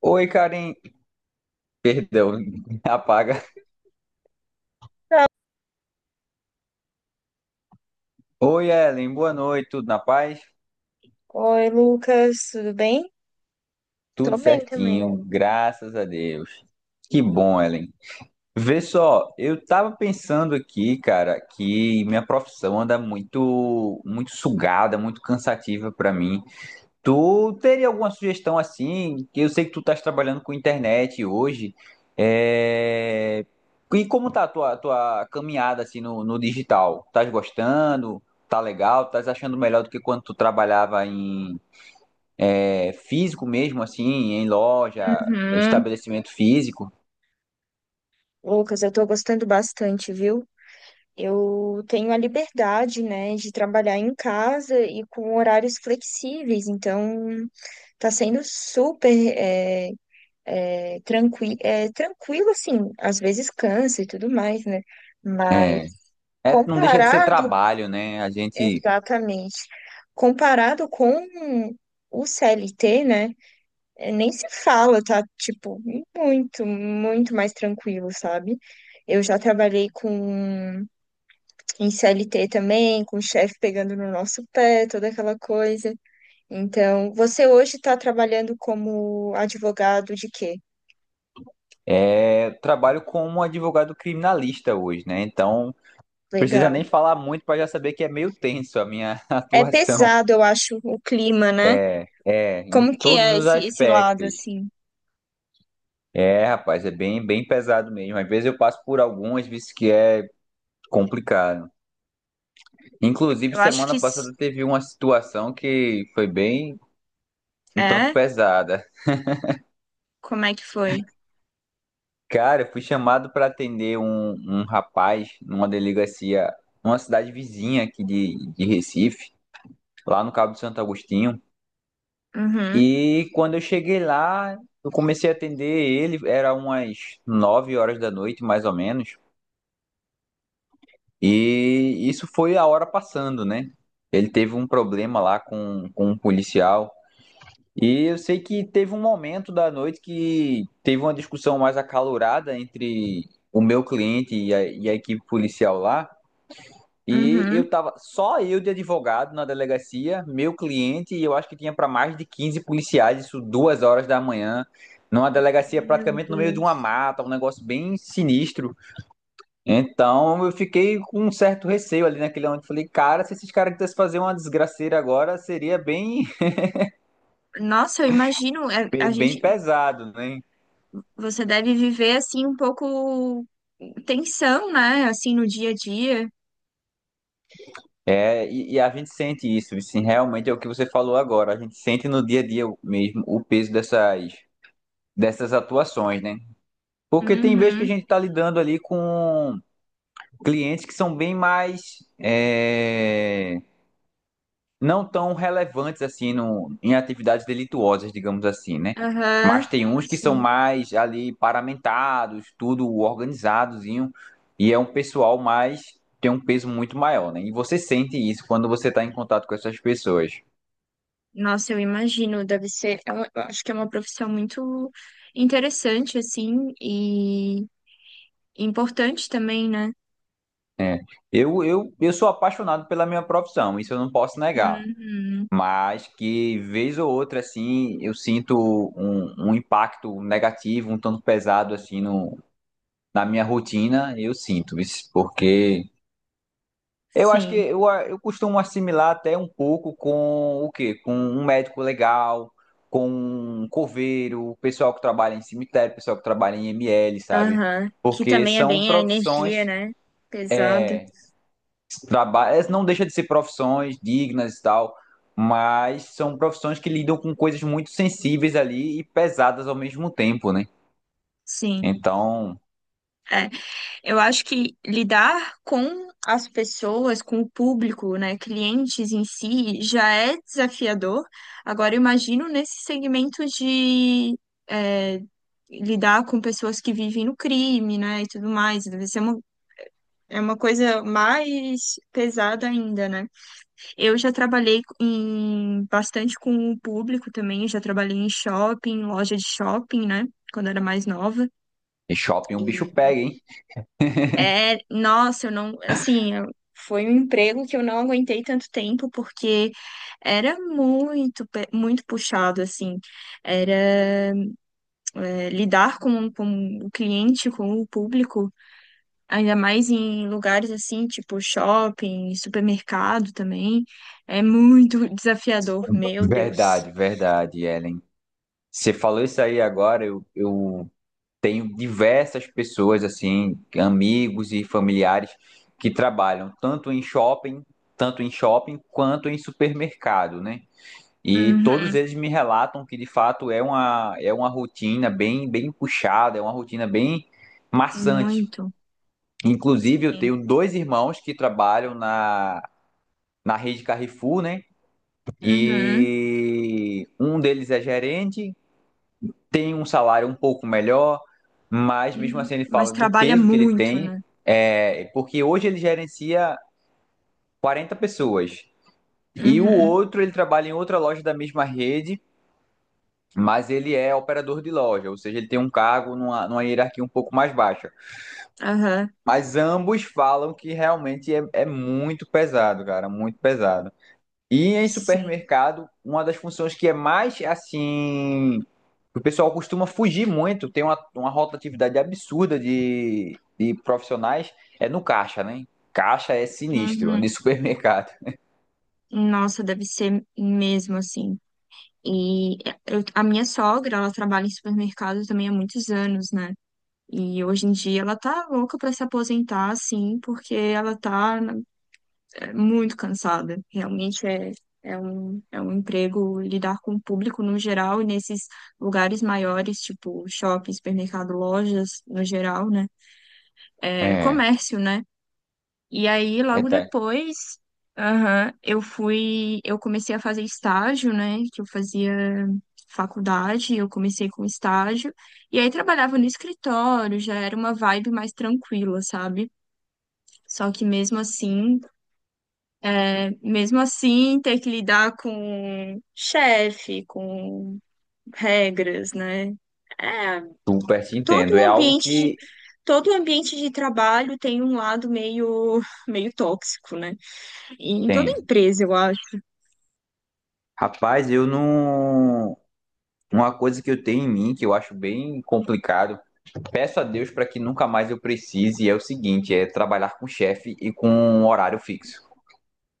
Oi, Karen. Perdão, apaga. Tá. Oi, Ellen. Boa noite. Tudo na paz? Oi, Lucas, tudo bem? Tô Tudo bem também. certinho, graças a Deus. Que bom, Ellen. Vê só, eu tava pensando aqui, cara, que minha profissão anda muito, muito sugada, muito cansativa pra mim. Tu teria alguma sugestão assim? Que eu sei que tu estás trabalhando com internet hoje. É... E como tá a tua caminhada assim no digital? Estás gostando? Tá legal? Estás achando melhor do que quando tu trabalhava em físico mesmo, assim, em loja, Uhum. estabelecimento físico? Lucas, eu tô gostando bastante, viu? Eu tenho a liberdade, né, de trabalhar em casa e com horários flexíveis, então tá sendo super é, tranquilo, assim, às vezes cansa e tudo mais, né? Mas É, é, não deixa de ser comparado, trabalho, né? Exatamente, comparado com o CLT, né? É, nem se fala, tá? Tipo, muito, muito mais tranquilo, sabe? Eu já trabalhei com em CLT também, com o chefe pegando no nosso pé, toda aquela coisa. Então, você hoje tá trabalhando como advogado de quê? Trabalho como um advogado criminalista hoje, né? Então, precisa Legal. nem falar muito para já saber que é meio tenso a minha É atuação. pesado, eu acho, o clima, né? É, em Como que todos é os esse, esse lado, aspectos. assim? É, rapaz, é bem, bem pesado mesmo. Às vezes eu passo por algumas, vezes que é complicado. Inclusive, Eu acho semana que passada teve uma situação que foi bem um tanto É? pesada. Como é que foi? Cara, eu fui chamado para atender um rapaz numa delegacia, numa cidade vizinha aqui de Recife, lá no Cabo de Santo Agostinho. Uhum, E quando eu cheguei lá, eu comecei a atender ele, era umas 9 horas da noite, mais ou menos. E isso foi a hora passando, né? Ele teve um problema lá com um policial. E eu sei que teve um momento da noite que teve uma discussão mais acalorada entre o meu cliente e a equipe policial lá. E uhum. eu tava só eu de advogado na delegacia, meu cliente, e eu acho que tinha para mais de 15 policiais, isso 2 horas da manhã, numa delegacia Meu praticamente no meio de uma Deus. mata, um negócio bem sinistro. Então eu fiquei com um certo receio ali naquele momento. Falei, cara, se esses caras quisessem fazer uma desgraceira agora, seria bem, Nossa, eu imagino, é, a bem gente bem pesado, né? Você deve viver assim um pouco tensão, né? Assim no dia a dia. É, e a gente sente isso, assim, realmente é o que você falou agora, a gente sente no dia a dia mesmo o peso dessas atuações, né? Porque tem vezes que a Uhum. gente está lidando ali com clientes que são bem mais é, não tão relevantes assim no, em atividades delituosas, digamos assim, né? Aham. Mas tem uns que são Sim. mais ali paramentados, tudo organizadozinho, e é um pessoal mais tem um peso muito maior, né? E você sente isso quando você está em contato com essas pessoas, Nossa, eu imagino, deve ser, eu acho que é uma profissão muito interessante assim e importante também, né? né? Eu sou apaixonado pela minha profissão, isso eu não posso negar. Uhum. Mas que vez ou outra assim eu sinto um impacto negativo, um tanto pesado assim no, na minha rotina, eu sinto isso, porque eu acho que Sim. Eu costumo assimilar até um pouco com o quê? Com um médico legal, com um coveiro, o pessoal que trabalha em cemitério, o pessoal que trabalha em ML, sabe? Aham. Que Porque também é são bem a energia, profissões né? Pesada. trabalhos, não deixa de ser profissões dignas e tal, mas são profissões que lidam com coisas muito sensíveis ali e pesadas ao mesmo tempo, né? Sim. Então, É. Eu acho que lidar com as pessoas, com o público, né, clientes em si, já é desafiador. Agora, eu imagino nesse segmento de é, lidar com pessoas que vivem no crime, né, e tudo mais. Deve ser uma, é uma coisa mais pesada ainda, né? Eu já trabalhei em, bastante com o público também, já trabalhei em shopping, loja de shopping, né, quando era mais nova. em shopping um bicho pega, hein? É, nossa, eu não, assim, foi um emprego que eu não aguentei tanto tempo porque era muito, muito puxado, assim, era lidar com o cliente, com o público, ainda mais em lugares assim, tipo shopping, supermercado também, é muito desafiador, meu Deus. Verdade, verdade, Ellen. Você falou isso aí agora, eu tenho diversas pessoas, assim, amigos e familiares que trabalham tanto em shopping, quanto em supermercado, né? E todos Uhum, eles me relatam que de fato é uma rotina bem, bem puxada, é uma rotina bem maçante. muito, Inclusive, eu sim. tenho dois irmãos que trabalham na rede Carrefour, né? Uhum. E um deles é gerente, tem um salário um pouco melhor, mas mesmo assim ele Mas fala do trabalha peso que ele muito, tem, né? Porque hoje ele gerencia 40 pessoas. E o Uhum, outro, ele trabalha em outra loja da mesma rede, mas ele é operador de loja, ou seja, ele tem um cargo numa hierarquia um pouco mais baixa. aham, Mas ambos falam que realmente é muito pesado, cara, muito pesado. E em sim. supermercado, uma das funções que é mais assim. O pessoal costuma fugir muito, tem uma rotatividade absurda de profissionais, é no caixa, né? Caixa é sinistro, de Uhum. supermercado. Nossa, deve ser mesmo assim. E a minha sogra, ela trabalha em supermercado também há muitos anos, né? E hoje em dia ela tá louca pra se aposentar, assim, porque ela tá muito cansada. Realmente é, é um emprego lidar com o público no geral e nesses lugares maiores, tipo shopping, supermercado, lojas no geral, né? É É. comércio, né? E aí, É, logo tá. depois, aham, eu fui, eu comecei a fazer estágio, né? Que eu fazia faculdade, eu comecei com estágio, e aí trabalhava no escritório, já era uma vibe mais tranquila, sabe? Só que mesmo assim, é, mesmo assim, ter que lidar com chefe, com regras, né? É, Super te todo entendo. o É algo ambiente de, que todo o ambiente de trabalho tem um lado meio, meio tóxico, né? Em toda tem. empresa, eu acho. Rapaz, eu não. Uma coisa que eu tenho em mim, que eu acho bem complicado, peço a Deus para que nunca mais eu precise, é o seguinte, é trabalhar com chefe e com um horário fixo.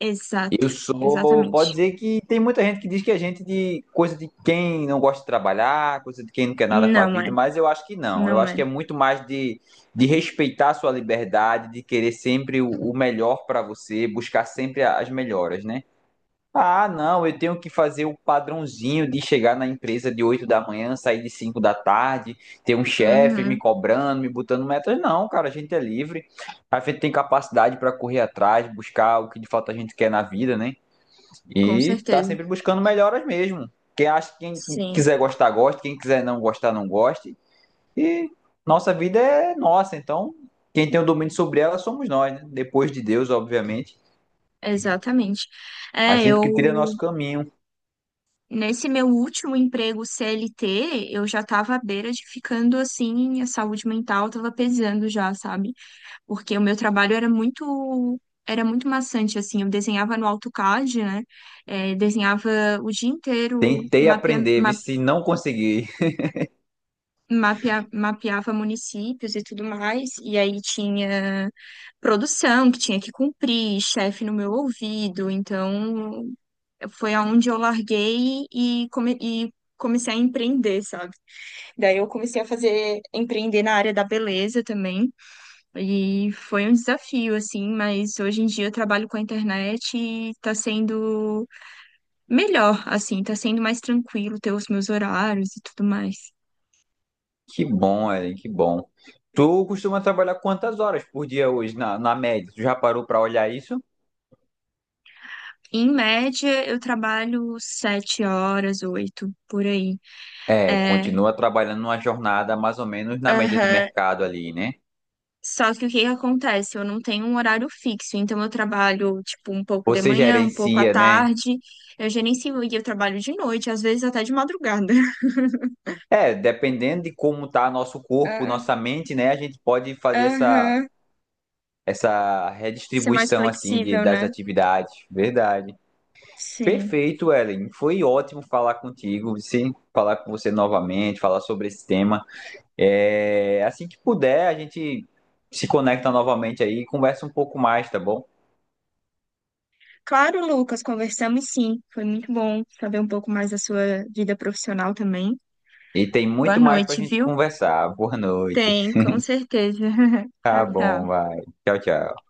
Exato, Eu sou, pode exatamente. dizer que tem muita gente que diz que a gente de coisa de quem não gosta de trabalhar, coisa de quem não quer nada com a Não é, vida, mas eu acho que não. Eu não acho que é. é muito mais de respeitar a sua liberdade, de querer sempre o melhor para você, buscar sempre as melhoras, né? Ah, não, eu tenho que fazer o padrãozinho de chegar na empresa de 8 da manhã, sair de 5 da tarde, ter um chefe me Uhum, cobrando, me botando metas. Não, cara, a gente é livre. A gente tem capacidade para correr atrás, buscar o que de fato a gente quer na vida, né? com E tá certeza. sempre buscando melhoras mesmo. Quem Sim, quiser gostar, goste. Quem quiser não gostar, não goste. E nossa vida é nossa, então quem tem o domínio sobre ela somos nós, né? Depois de Deus, obviamente. exatamente. A É, gente que trilha nosso eu caminho. nesse meu último emprego CLT, eu já tava à beira de ficando assim, a saúde mental tava pesando já, sabe? Porque o meu trabalho era muito maçante assim, eu desenhava no AutoCAD, né? Desenhava o dia inteiro Tentei aprender, vi se não consegui. Mapeava municípios e tudo mais, e aí tinha produção que tinha que cumprir, chefe no meu ouvido, então foi aonde eu larguei e comecei a empreender, sabe? Daí eu comecei a fazer, empreender na área da beleza também, e foi um desafio, assim, mas hoje em dia eu trabalho com a internet e tá sendo melhor, assim, tá sendo mais tranquilo ter os meus horários e tudo mais. Que bom, Ellen, que bom. Tu costuma trabalhar quantas horas por dia hoje, na média? Tu já parou para olhar isso? Em média, eu trabalho 7 horas, 8, por aí. É, É, continua trabalhando numa jornada mais ou menos na média de aham. mercado ali, né? Só que o que que acontece? Eu não tenho um horário fixo, então eu trabalho, tipo, um pouco de Você manhã, um pouco à gerencia, né? tarde. Eu gerencio e eu trabalho de noite, às vezes até de madrugada. É, dependendo de como tá nosso corpo, Ah, nossa mente, né? A gente pode fazer essa, aham. essa Ser mais redistribuição, assim, flexível, das né? atividades. Verdade. Sim. Perfeito, Ellen. Foi ótimo falar contigo, sim, falar com você novamente, falar sobre esse tema. É, assim que puder, a gente se conecta novamente aí e conversa um pouco mais, tá bom? Claro, Lucas, conversamos sim. Foi muito bom saber um pouco mais da sua vida profissional também. E tem Boa muito mais pra noite, gente viu? conversar. Boa noite. Tem, com certeza. Tá Tchau, bom, tchau. vai. Tchau, tchau.